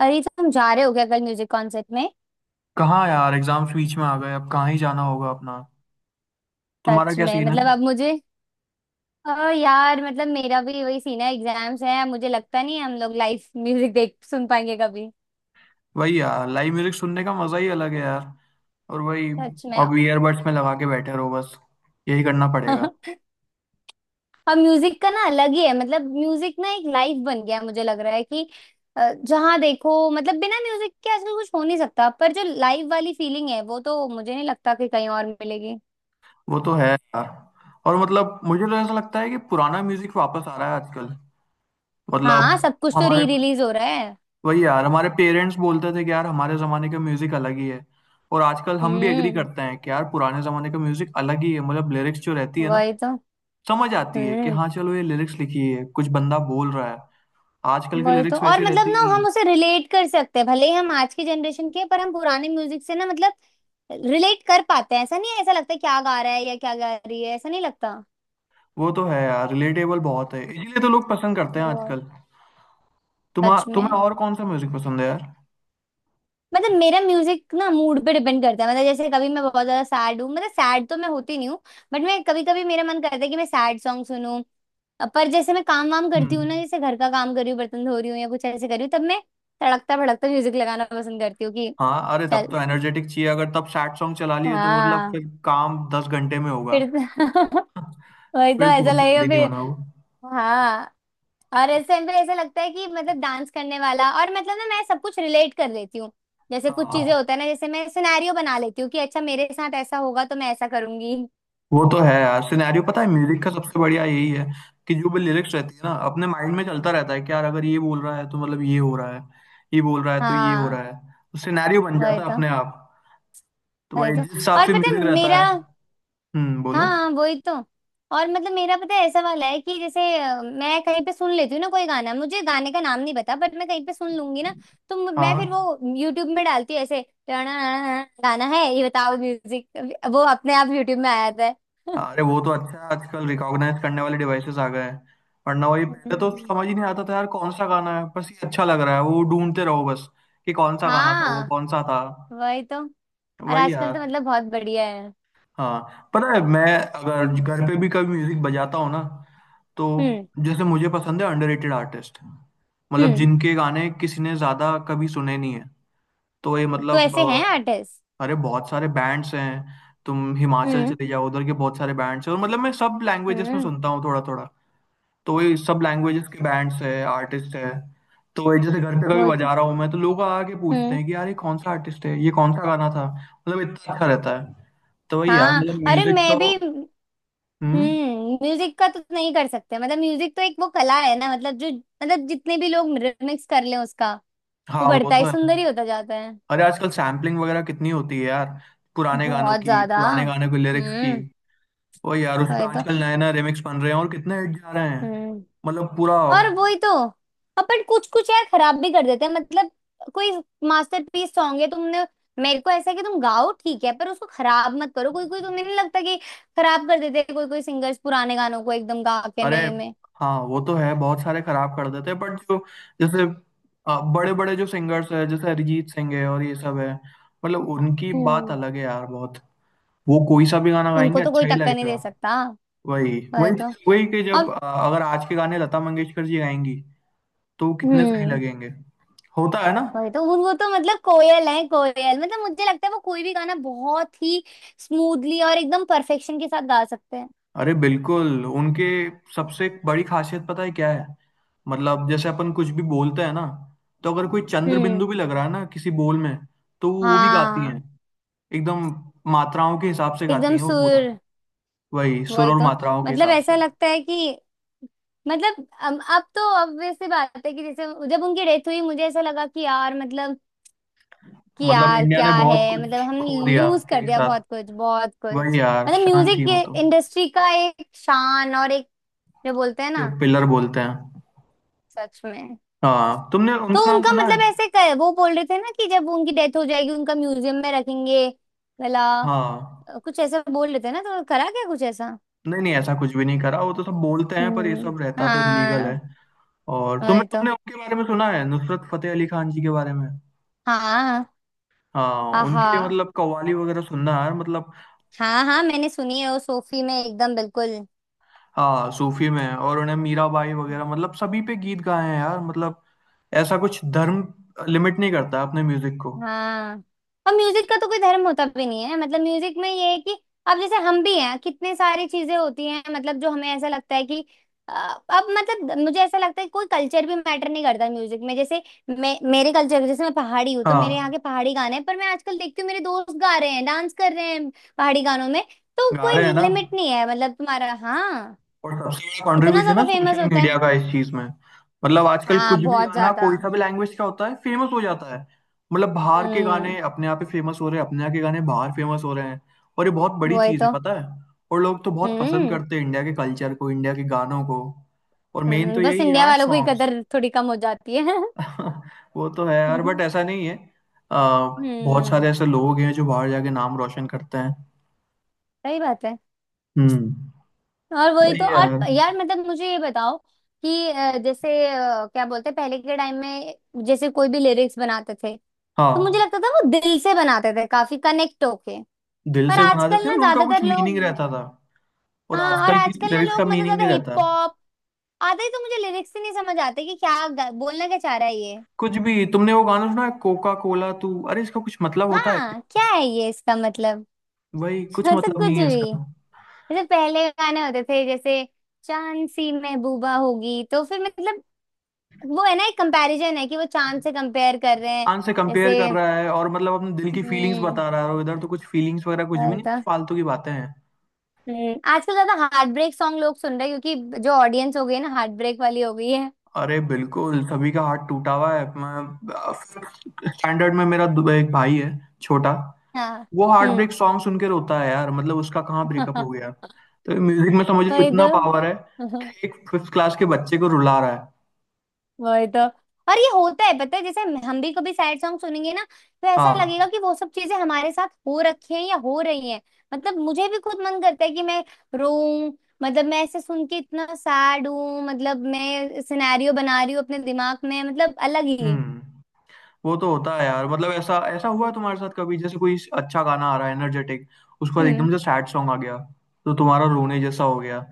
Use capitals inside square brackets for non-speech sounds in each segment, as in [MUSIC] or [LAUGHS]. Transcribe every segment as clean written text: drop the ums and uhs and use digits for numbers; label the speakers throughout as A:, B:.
A: अरे तो हम जा रहे हो क्या कल म्यूजिक कॉन्सर्ट में?
B: कहाँ यार, एग्जाम्स बीच में आ गए। अब कहाँ ही जाना होगा अपना। तुम्हारा
A: सच
B: क्या
A: में
B: सीन है?
A: मतलब अब मुझे अ, यार मतलब मेरा भी वही सीन है, एग्जाम्स है, मुझे लगता नहीं है हम लोग लाइव म्यूजिक देख सुन पाएंगे कभी।
B: वही यार, लाइव म्यूजिक सुनने का मजा ही अलग है यार। और वही,
A: सच में
B: अब
A: [LAUGHS]
B: ईयरबड्स में लगा के बैठे रहो बस। यही करना पड़ेगा।
A: अब म्यूजिक का ना अलग ही है, मतलब म्यूजिक ना एक लाइफ बन गया है, मुझे लग रहा है कि जहाँ देखो मतलब बिना म्यूजिक के आजकल कुछ हो नहीं सकता, पर जो लाइव वाली फीलिंग है वो तो मुझे नहीं लगता कि कहीं और मिलेगी।
B: वो तो है यार। और मतलब मुझे तो ऐसा लगता है कि पुराना म्यूजिक वापस आ रहा है आजकल।
A: हाँ,
B: मतलब
A: सब कुछ तो री
B: हमारे,
A: रिलीज हो रहा है।
B: वही यार हमारे पेरेंट्स बोलते थे कि यार हमारे जमाने का म्यूजिक अलग ही है। और आजकल हम भी एग्री
A: हम्म।
B: करते हैं कि यार पुराने जमाने का म्यूजिक अलग ही है। मतलब लिरिक्स जो रहती है ना,
A: वही तो।
B: समझ आती है कि
A: हम्म।
B: हाँ चलो ये लिरिक्स लिखी है, कुछ बंदा बोल रहा है। आजकल की
A: वही तो,
B: लिरिक्स
A: और
B: वैसी
A: मतलब
B: रहती ही
A: ना
B: नहीं
A: हम
B: है।
A: उसे रिलेट कर सकते हैं, भले ही हम आज की जनरेशन के हैं, पर हम पुराने म्यूजिक से ना मतलब रिलेट कर पाते हैं, ऐसा नहीं है, ऐसा लगता है क्या गा रहा है या क्या गा रही है, ऐसा नहीं लगता।
B: वो तो है यार, रिलेटेबल बहुत है इसीलिए तो लोग पसंद करते हैं
A: बहुत।
B: आजकल। तुम्हा
A: सच
B: तुम्हें
A: में।
B: और कौन सा म्यूजिक पसंद है यार?
A: मतलब मेरा म्यूजिक ना मूड पे डिपेंड करता है, मतलब जैसे कभी मैं बहुत ज्यादा सैड हूँ, मतलब सैड तो मैं होती नहीं हूँ, बट मैं कभी कभी मेरा मन करता है कि मैं सैड सॉन्ग सुनूं। पर जैसे मैं काम वाम करती हूँ ना,
B: हम्म।
A: जैसे घर का काम कर रही हूँ, बर्तन धो रही हूँ या कुछ ऐसे कर रही हूँ, तब मैं तड़कता भड़कता म्यूजिक लगाना पसंद करती हूँ कि
B: हाँ अरे, तब
A: चल।
B: तो एनर्जेटिक चाहिए। अगर तब सैड सॉन्ग चला लिए तो मतलब
A: हाँ।
B: फिर काम दस घंटे में होगा।
A: फिर [LAUGHS] वही तो
B: फिर
A: ऐसा
B: बहुत
A: लगेगा
B: जल्दी नहीं
A: फिर।
B: होना वो।
A: हाँ, और इस टाइम पे ऐसा लगता है कि मतलब डांस करने वाला, और मतलब ना मैं सब कुछ रिलेट कर लेती हूँ, जैसे कुछ चीजें
B: हाँ,
A: होता है ना, जैसे मैं सिनेरियो बना लेती हूँ कि अच्छा मेरे साथ ऐसा होगा तो मैं ऐसा करूंगी।
B: वो तो है यार। सिनेरियो पता है, म्यूजिक का सबसे बढ़िया यही है कि जो भी लिरिक्स रहती है ना, अपने माइंड में चलता रहता है कि यार अगर ये बोल रहा है तो मतलब ये हो रहा है, ये बोल रहा है तो ये हो
A: हाँ।
B: रहा है। तो सिनेरियो बन
A: वही
B: जाता है
A: तो।
B: अपने आप। तो
A: वही
B: वही,
A: तो,
B: जिस हिसाब
A: और
B: से
A: पता है
B: म्यूजिक रहता
A: मेरा।
B: है। हम्म, बोलो।
A: हाँ, वही तो। और मतलब मेरा पता है ऐसा वाला है कि जैसे मैं कहीं पे सुन लेती हूँ ना कोई गाना, मुझे गाने का नाम नहीं पता, बट मैं कहीं पे सुन लूंगी ना, तो मैं फिर
B: हाँ।
A: वो यूट्यूब में डालती हूँ ऐसे "टणाणाणा, गाना है ये बताओ म्यूजिक। वो अपने आप यूट्यूब में आ जाता है।
B: हाँ।
A: [LAUGHS]
B: अरे वो तो अच्छा है, आजकल रिकॉग्नाइज करने वाले डिवाइसेस आ गए हैं। वरना वही, पहले तो
A: हम्म।
B: समझ ही नहीं आता था यार कौन सा गाना है, बस ये अच्छा लग रहा है वो ढूंढते रहो बस। कि कौन सा गाना था वो,
A: हाँ,
B: कौन सा था।
A: वही तो। और
B: वही
A: आजकल
B: यार।
A: तो मतलब बहुत बढ़िया है।
B: हाँ पता है, मैं अगर
A: हम्म।
B: घर पे भी कभी म्यूजिक बजाता हूँ ना, तो जैसे मुझे पसंद है अंडररेटेड आर्टिस्ट। मतलब
A: हम्म,
B: जिनके गाने किसी ने ज्यादा कभी सुने नहीं है। तो ये
A: तो
B: मतलब,
A: ऐसे हैं आर्टिस्ट।
B: अरे बहुत सारे बैंड्स हैं। तुम हिमाचल
A: हम्म।
B: चले जाओ, उधर के बहुत सारे बैंड्स हैं। और मतलब मैं सब लैंग्वेजेस में
A: हम्म,
B: सुनता हूँ थोड़ा थोड़ा। तो ये सब लैंग्वेजेस के बैंड्स हैं, आर्टिस्ट हैं। तो ये जैसे घर पे कभी
A: वही तो।
B: बजा रहा हूँ मैं, तो लोग आके पूछते
A: हम्म।
B: हैं कि यार ये कौन सा आर्टिस्ट है, ये कौन सा गाना था, मतलब इतना अच्छा रहता है। तो वही यार,
A: हाँ,
B: मतलब
A: अरे
B: म्यूजिक
A: मैं
B: तो।
A: भी।
B: हम्म।
A: हम्म, म्यूजिक का तो नहीं कर सकते, मतलब म्यूजिक तो एक वो कला है ना, मतलब जो मतलब जितने भी लोग रिमिक्स कर लें उसका, वो
B: हाँ वो
A: बढ़ता
B: तो
A: ही
B: है।
A: सुंदर ही होता जाता है।
B: अरे आजकल सैम्पलिंग वगैरह कितनी होती है यार, पुराने गानों
A: बहुत
B: की,
A: ज्यादा।
B: पुराने गाने के लिरिक्स की।
A: हम्म।
B: वही यार, उस पे
A: वही तो।
B: आजकल नए नए रिमिक्स बन रहे हैं और कितने हिट जा रहे हैं।
A: हम्म।
B: मतलब पूरा।
A: और वही तो। अपन कुछ कुछ यार खराब भी कर देते हैं, मतलब कोई मास्टरपीस सॉन्ग है, तुमने मेरे को ऐसा है कि तुम गाओ ठीक है, पर उसको खराब मत करो। कोई कोई तुम्हें नहीं लगता कि खराब कर देते हैं कोई कोई सिंगर्स पुराने गानों को एकदम गा के
B: अरे
A: नए में।
B: हाँ वो तो है, बहुत सारे खराब कर देते हैं, बट जो, जैसे बड़े बड़े जो सिंगर्स हैं जैसे अरिजीत सिंह है और ये सब है, मतलब उनकी बात
A: हम्म।
B: अलग है यार बहुत। वो कोई सा भी गाना
A: उनको
B: गाएंगे
A: तो
B: अच्छा
A: कोई
B: ही
A: टक्कर नहीं
B: लगेगा।
A: दे सकता।
B: वही
A: वही
B: वही
A: तो।
B: चीज वही कि जब
A: और
B: अगर आज के गाने लता मंगेशकर जी गाएंगी तो वो कितने सही
A: हम्म,
B: लगेंगे। होता है ना।
A: वही तो। वो तो मतलब कोयल है कोयल, मतलब मुझे लगता है वो कोई भी गाना बहुत ही स्मूथली और एकदम परफेक्शन के साथ गा सकते हैं।
B: अरे बिल्कुल, उनके सबसे बड़ी खासियत पता है क्या है? मतलब जैसे अपन कुछ भी बोलते हैं ना, तो अगर कोई चंद्र
A: हम्म।
B: बिंदु भी लग रहा है ना किसी बोल में, तो वो भी गाती हैं।
A: हाँ,
B: एकदम मात्राओं के हिसाब से गाती
A: एकदम
B: हैं वो पूरा।
A: सुर।
B: वही सुर
A: वही
B: और
A: तो।
B: मात्राओं के
A: मतलब
B: हिसाब से।
A: ऐसा लगता है कि मतलब अब तो obvious सी बात है कि जैसे जब उनकी डेथ हुई, मुझे ऐसा लगा कि यार मतलब कि
B: मतलब
A: यार
B: इंडिया ने
A: क्या है,
B: बहुत
A: मतलब
B: कुछ
A: हम
B: खो दिया
A: लूज कर
B: एक
A: दिया
B: साथ।
A: बहुत कुछ, बहुत
B: वही
A: कुछ।
B: यार,
A: मतलब
B: शान थी
A: म्यूजिक
B: वो तो।
A: इंडस्ट्री का एक शान और एक जो बोलते हैं
B: जो
A: ना।
B: पिलर बोलते हैं।
A: सच में।
B: हाँ, तुमने
A: तो
B: उनका नाम
A: उनका
B: सुना
A: मतलब
B: है?
A: ऐसे कर, वो बोल रहे थे ना कि जब उनकी डेथ हो जाएगी उनका म्यूजियम में रखेंगे वाला,
B: हाँ।
A: कुछ ऐसा बोल रहे थे ना, तो करा क्या कुछ ऐसा।
B: नहीं नहीं, ऐसा कुछ भी नहीं करा। वो तो सब बोलते हैं पर ये
A: हम्म,
B: सब रहता तो इलीगल है।
A: हाँ।
B: और तुमने
A: वही
B: तुमने
A: तो।
B: उनके बारे में सुना है, नुसरत फतेह अली खान जी के बारे में?
A: हाँ।
B: हाँ
A: आहा।
B: उनकी मतलब कव्वाली वगैरह सुनना यार मतलब।
A: हाँ हाँ, मैंने सुनी है वो, सोफी में एकदम बिल्कुल।
B: हाँ, सूफी में। और उन्हें मीराबाई वगैरह मतलब सभी पे गीत गाए हैं यार मतलब, ऐसा कुछ धर्म लिमिट नहीं करता अपने म्यूजिक को।
A: हाँ, और म्यूजिक का तो कोई धर्म होता भी नहीं है, मतलब म्यूजिक में ये है कि अब जैसे हम भी हैं, कितने सारी चीजें होती हैं, मतलब जो हमें ऐसा लगता है कि अ, अब मतलब मुझे ऐसा लगता है कि कोई कल्चर भी मैटर नहीं करता म्यूजिक में, जैसे मैं मेरे कल्चर जैसे मैं पहाड़ी हूँ तो मेरे यहाँ
B: हाँ
A: के पहाड़ी गाने हैं, पर मैं आजकल देखती हूँ मेरे दोस्त गा रहे हैं, डांस कर रहे हैं पहाड़ी गानों में। तो
B: गा रहे
A: कोई
B: हैं ना।
A: लिमिट नहीं है, मतलब तुम्हारा, हाँ।
B: और सबसे बड़ा
A: इतना
B: कंट्रीब्यूशन
A: ज्यादा
B: है
A: फेमस
B: सोशल
A: होता है।
B: मीडिया का इस चीज में। मतलब आजकल
A: हाँ,
B: कुछ भी
A: बहुत
B: गाना
A: ज्यादा।
B: कोई सा भी लैंग्वेज का होता है, फेमस हो जाता है। मतलब बाहर के गाने
A: हम्म।
B: अपने आप ही फेमस हो रहे हैं, अपने यहाँ के गाने बाहर फेमस हो रहे हैं। और ये बहुत बड़ी
A: वही
B: चीज है
A: तो।
B: पता है। और लोग तो बहुत पसंद
A: हम्म।
B: करते हैं इंडिया के कल्चर को, इंडिया के गानों को। और मेन तो
A: बस
B: यही है
A: इंडिया
B: यार,
A: वालों को ही
B: सॉन्ग्स।
A: कदर थोड़ी कम हो जाती है। [LAUGHS]
B: [LAUGHS] वो तो है यार,
A: हम्म।
B: बट ऐसा नहीं है। बहुत सारे ऐसे लोग हैं जो बाहर जाके नाम रोशन करते हैं।
A: सही बात है।
B: हम्म।
A: और वही तो।
B: वही यार।
A: और यार मतलब मुझे ये बताओ कि जैसे क्या बोलते हैं पहले के टाइम में जैसे कोई भी लिरिक्स बनाते थे तो मुझे
B: हाँ,
A: लगता था वो दिल से बनाते थे, काफी कनेक्ट होके।
B: दिल
A: पर
B: से बनाते
A: आजकल
B: थे
A: ना
B: और उनका कुछ
A: ज्यादातर
B: मीनिंग
A: लोग।
B: रहता था। और
A: हाँ, और
B: आजकल की
A: आजकल ना
B: लिरिक्स का
A: लोग मतलब
B: मीनिंग
A: ज्यादा
B: नहीं रहता।
A: हिप हॉप आते ही तो मुझे लिरिक्स ही नहीं समझ आते कि क्या बोलना क्या चाह रहा है ये।
B: कुछ भी, तुमने वो गाना सुना है, कोका कोला तू, अरे इसका कुछ मतलब होता है?
A: हाँ, क्या है ये इसका मतलब।
B: वही,
A: [LAUGHS]
B: कुछ
A: मतलब
B: मतलब
A: कुछ
B: नहीं है
A: भी।
B: इसका।
A: जैसे पहले गाने होते थे, जैसे चांद सी महबूबा होगी, तो फिर मतलब वो है ना एक कंपैरिजन है कि वो चांद से कंपेयर कर रहे हैं।
B: आन से
A: जैसे
B: कंपेयर कर रहा है और मतलब अपने दिल की फीलिंग्स
A: हम्म।
B: बता रहा है, और इधर तो कुछ फीलिंग्स वगैरह कुछ भी
A: वही
B: नहीं,
A: तो।
B: फालतू की बातें हैं।
A: हम्म, आजकल ज्यादा हार्ट ब्रेक सॉन्ग लोग सुन रहे हैं क्योंकि जो ऑडियंस हो गई है ना हार्ट ब्रेक वाली हो गई है।
B: अरे बिल्कुल, सभी का हार्ट टूटा हुआ है। मैं स्टैंडर्ड में मेरा दो- एक भाई है छोटा,
A: हाँ।
B: वो हार्ट
A: हम्म।
B: ब्रेक सॉन्ग सुन के रोता है यार। मतलब उसका कहाँ ब्रेकअप हो गया।
A: [LAUGHS]
B: तो म्यूजिक में समझ रही हूँ
A: वही तो।
B: इतना पावर है कि एक फिफ्थ क्लास के बच्चे को रुला रहा है।
A: वही तो। और ये होता है पता है, जैसे हम भी कभी सैड सॉन्ग सुनेंगे ना तो ऐसा लगेगा
B: हाँ।
A: कि वो सब चीजें हमारे साथ हो रखी हैं या हो रही हैं। मतलब मुझे भी खुद मन करता है कि मैं रोऊं, मतलब मैं ऐसे सुन के इतना सैड हूं, मतलब मैं सिनेरियो बना रही हूँ अपने दिमाग में, मतलब अलग ही।
B: हम्म। वो तो होता है यार। मतलब ऐसा ऐसा हुआ है तुम्हारे साथ कभी, जैसे कोई अच्छा गाना आ रहा है एनर्जेटिक, उसके बाद
A: हम्म।
B: एकदम से सैड सॉन्ग आ गया, तो तुम्हारा रोने जैसा हो गया,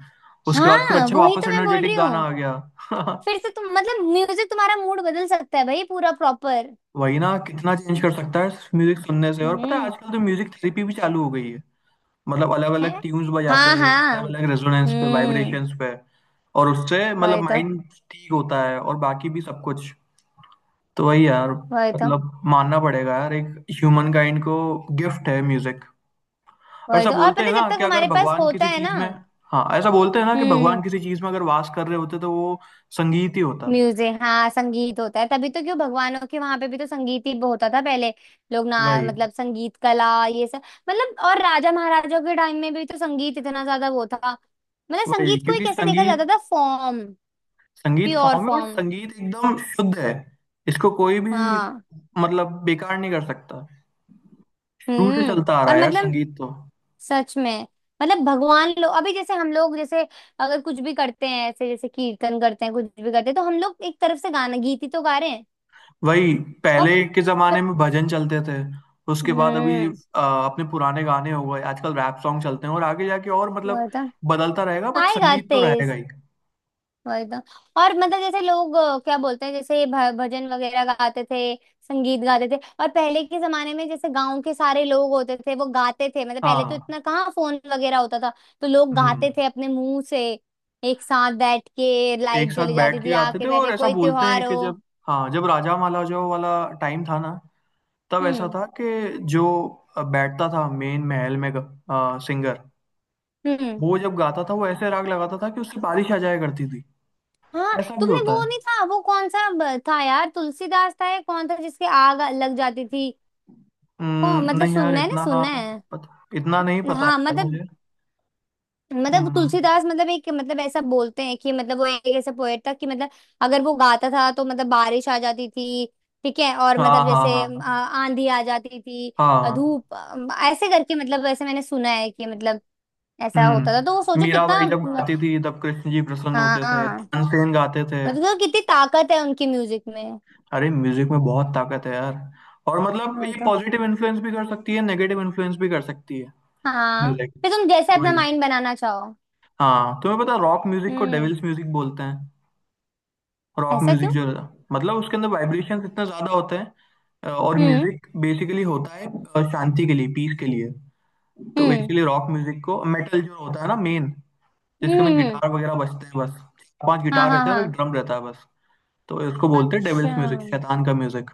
B: उसके बाद फिर
A: हाँ,
B: अच्छा
A: वही
B: वापस
A: तो मैं बोल
B: एनर्जेटिक
A: रही
B: गाना
A: हूँ।
B: आ गया। [LAUGHS]
A: फिर से तुम मतलब म्यूजिक तुम्हारा मूड बदल सकता है भाई पूरा प्रॉपर।
B: वही ना, कितना चेंज कर सकता है म्यूजिक सुनने से। और पता है,
A: हम्म।
B: आजकल तो म्यूजिक थेरेपी भी चालू हो गई है। मतलब अलग
A: है।
B: अलग ट्यून्स बजाते
A: हाँ
B: हैं, अलग
A: हाँ।
B: अलग रेजोनेंस पे,
A: हम्म।
B: वाइब्रेशंस पे। और उससे मतलब
A: वही तो।
B: माइंड ठीक होता है और बाकी भी सब कुछ। तो वही यार,
A: वही तो।
B: मतलब मानना पड़ेगा यार एक ह्यूमन काइंड को गिफ्ट है म्यूजिक। और
A: वही
B: ऐसा
A: तो, और
B: बोलते
A: पता
B: हैं
A: है जब
B: ना
A: तक
B: कि अगर
A: हमारे पास
B: भगवान
A: होता
B: किसी
A: है
B: चीज
A: ना।
B: में, हाँ ऐसा बोलते हैं ना कि भगवान
A: हम्म।
B: किसी चीज में अगर वास कर रहे होते तो वो संगीत ही होता।
A: म्यूजिक, हाँ, संगीत होता है तभी तो, क्यों भगवानों के वहां पे भी तो संगीत ही होता था पहले। लोग ना
B: वही
A: मतलब संगीत कला ये सब मतलब, और राजा महाराजाओं के टाइम में भी तो संगीत इतना ज्यादा वो था, मतलब
B: वही
A: संगीत को ही
B: क्योंकि
A: कैसे देखा जाता
B: संगीत,
A: था फॉर्म,
B: संगीत
A: प्योर
B: फॉर्म है और
A: फॉर्म।
B: संगीत एकदम शुद्ध है। इसको कोई भी
A: हाँ।
B: मतलब बेकार नहीं कर सकता। रूट से
A: हम्म।
B: चलता आ रहा
A: और
B: है यार
A: मतलब
B: संगीत तो।
A: सच में। मतलब भगवान लोग अभी जैसे हम लोग जैसे अगर कुछ भी करते हैं, ऐसे जैसे कीर्तन करते हैं, कुछ भी करते हैं, तो हम लोग एक तरफ से गाना गीत ही तो गा रहे हैं।
B: वही,
A: और
B: पहले के जमाने में भजन चलते थे, उसके बाद अभी
A: हम्म।
B: आ, अपने पुराने गाने हो गए, आजकल रैप सॉन्ग चलते हैं और आगे जाके और मतलब
A: वही तो।
B: बदलता रहेगा, बट
A: आएगा
B: संगीत तो
A: तेज।
B: रहेगा ही।
A: वही तो। और मतलब जैसे लोग क्या बोलते हैं, जैसे भजन वगैरह गाते थे, संगीत गाते थे। और पहले के जमाने में जैसे गांव के सारे लोग होते थे वो गाते थे, मतलब पहले तो
B: हाँ।
A: इतना कहाँ फोन वगैरह होता था, तो लोग
B: हम्म।
A: गाते थे अपने मुंह से, एक साथ बैठ के,
B: एक
A: लाइट
B: साथ
A: जली
B: बैठ
A: जाती
B: के
A: थी,
B: गाते
A: आके
B: थे। और
A: बैठे
B: ऐसा
A: कोई
B: बोलते हैं
A: त्योहार
B: कि
A: हो।
B: जब, हाँ जब राजा महाराजाओं वाला टाइम था ना, तब ऐसा
A: हम्म।
B: था कि जो बैठता था मेन महल में, सिंगर,
A: हम्म।
B: वो जब गाता था, वो ऐसे राग लगाता था कि उससे बारिश आ जाया करती थी।
A: हाँ,
B: ऐसा भी
A: तुमने
B: होता
A: वो
B: है।
A: नहीं था वो कौन सा था यार, तुलसीदास था या कौन था जिसके आग लग जाती थी? कौन मतलब
B: नहीं यार
A: सुनना है ना,
B: इतना
A: सुनना है।
B: पता, इतना नहीं पता है
A: हाँ,
B: यार
A: मतलब
B: मुझे।
A: मतलब
B: हम्म।
A: तुलसीदास, मतलब एक मतलब ऐसा बोलते हैं कि मतलब वो एक ऐसा पोएट था कि मतलब अगर वो गाता था तो मतलब बारिश आ जाती थी, ठीक है, और
B: हाँ
A: मतलब
B: हाँ
A: जैसे
B: हाँ।
A: आंधी आ जाती थी,
B: हाँ हाँ।
A: धूप, ऐसे करके, मतलब ऐसे मैंने सुना है कि मतलब ऐसा होता था, तो वो
B: हम्म,
A: सोचो कितना
B: मीराबाई जब गाती थी तब कृष्ण जी प्रसन्न होते थे,
A: हाँ,
B: तानसेन गाते थे।
A: मतलब तो कितनी ताकत है उनकी म्यूजिक में।
B: अरे म्यूजिक में बहुत ताकत है यार। और मतलब
A: वही
B: ये
A: तो।
B: पॉजिटिव इन्फ्लुएंस भी कर सकती है, नेगेटिव इन्फ्लुएंस भी कर सकती है
A: हाँ,
B: म्यूजिक।
A: फिर तुम जैसे अपना
B: वही।
A: माइंड बनाना चाहो।
B: हाँ तुम्हें पता, रॉक म्यूजिक को
A: हम्म।
B: डेविल्स म्यूजिक बोलते हैं। रॉक
A: ऐसा
B: म्यूजिक
A: क्यों?
B: जो है, मतलब उसके अंदर वाइब्रेशंस इतने ज्यादा होते हैं, और
A: हम्म।
B: म्यूजिक बेसिकली होता है शांति के लिए, पीस के लिए। तो
A: हम्म।
B: इसीलिए रॉक म्यूजिक को, मेटल जो होता है ना मेन,
A: हम्म।
B: जिसके ना गिटार वगैरह बजते हैं, बस चार पांच
A: हाँ
B: गिटार
A: हाँ
B: रहते हैं और एक
A: हाँ।
B: ड्रम रहता है बस, तो इसको बोलते हैं
A: अच्छा।
B: डेविल्स म्यूजिक, शैतान का म्यूजिक।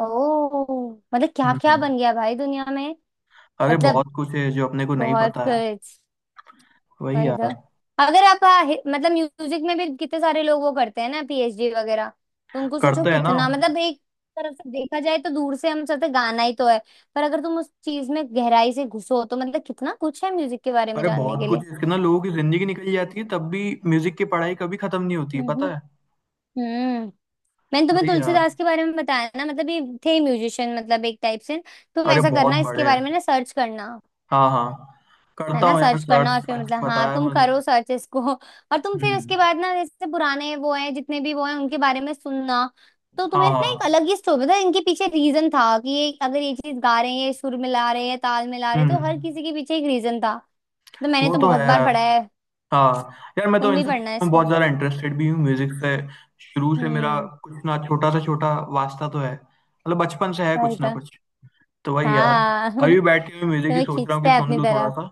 A: ओ मतलब क्या क्या
B: हम्म।
A: बन गया भाई दुनिया में।
B: अरे
A: मतलब
B: बहुत कुछ है जो अपने को नहीं
A: बहुत
B: पता है।
A: कुछ।
B: वही
A: भाई
B: यार।
A: द, अगर आप मतलब म्यूजिक में भी कितने सारे लोग वो करते हैं ना पीएचडी वगैरह, तो उनको सोचो
B: करते हैं ना।
A: कितना मतलब एक तरफ से देखा जाए तो दूर से हम सोचते हैं, गाना ही तो है, पर अगर तुम उस चीज में गहराई से घुसो तो मतलब कितना कुछ है म्यूजिक के बारे में
B: अरे
A: जानने
B: बहुत
A: के लिए।
B: कुछ है इसके ना, लोगों की जिंदगी निकल जाती है तब भी म्यूजिक की पढ़ाई कभी खत्म नहीं होती है,
A: हम्म।
B: पता है।
A: हम्म। मैंने तुम्हें
B: वही यार।
A: तुलसीदास के बारे में बताया ना, मतलब ये थे म्यूजिशियन मतलब एक टाइप से। तुम
B: अरे
A: ऐसा
B: बहुत
A: करना
B: बड़े
A: इसके बारे
B: हैं।
A: में ना सर्च करना,
B: हाँ हाँ।
A: है
B: करता
A: ना।
B: हूँ यार
A: सर्च करना, और
B: सर्च,
A: फिर
B: अच्छा
A: मतलब हाँ
B: बताया
A: तुम
B: मुझे।
A: करो सर्च इसको, और तुम फिर
B: हम्म।
A: उसके बाद ना जैसे पुराने वो हैं जितने भी वो हैं उनके बारे में सुनना, तो
B: हाँ
A: तुम्हें ना एक
B: हाँ।
A: अलग ही स्टोरी था, इनके पीछे रीजन था कि ये अगर ये चीज गा रहे हैं, ये सुर मिला रहे हैं, ताल मिला रहे हैं, तो हर
B: हम्म।
A: किसी के पीछे एक रीजन था। तो मैंने
B: वो
A: तो
B: तो है
A: बहुत बार
B: यार।
A: पढ़ा है।
B: हाँ। यार मैं तो
A: तुम
B: इन
A: भी
B: सब
A: पढ़ना है
B: चीज़ों में
A: इसको।
B: बहुत ज़्यादा इंटरेस्टेड भी हूँ म्यूज़िक से। शुरू से मेरा
A: हम्म।
B: कुछ ना छोटा सा छोटा वास्ता तो है, मतलब बचपन से है
A: सही
B: कुछ ना
A: था।
B: कुछ। तो वही यार।
A: हाँ [LAUGHS]
B: अभी बैठ के मैं म्यूज़िक ही
A: तुम्हें
B: सोच रहा हूँ
A: खींचता
B: कि
A: है
B: सुन
A: अपनी
B: लूँ थोड़ा
A: तरफ।
B: सा।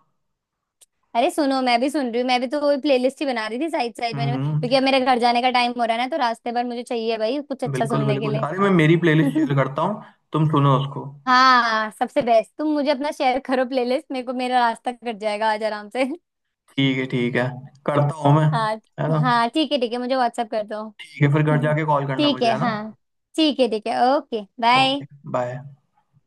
A: अरे सुनो, मैं भी सुन रही हूँ, मैं भी तो वही प्लेलिस्ट ही बना रही थी साइड साइड मैंने,
B: हम्म।
A: क्योंकि अब मेरे घर जाने का टाइम हो रहा है ना, तो रास्ते भर मुझे चाहिए भाई कुछ अच्छा
B: बिल्कुल
A: सुनने के
B: बिल्कुल,
A: लिए।
B: अरे मैं मेरी प्लेलिस्ट
A: [LAUGHS]
B: शेयर करता हूँ, तुम सुनो उसको।
A: हाँ, सबसे बेस्ट, तुम मुझे अपना शेयर करो प्लेलिस्ट, मेरे को मेरा रास्ता कट जाएगा आज आराम से।
B: ठीक है ठीक है, करता हूँ मैं,
A: हाँ।
B: है ना।
A: हाँ ठीक है ठीक है, मुझे व्हाट्सअप कर दो।
B: ठीक है, फिर घर
A: हम्म,
B: जाके कॉल करना
A: ठीक
B: मुझे,
A: है,
B: है ना।
A: हाँ। ठीक है ठीक है। ओके। बाय।
B: Okay bye.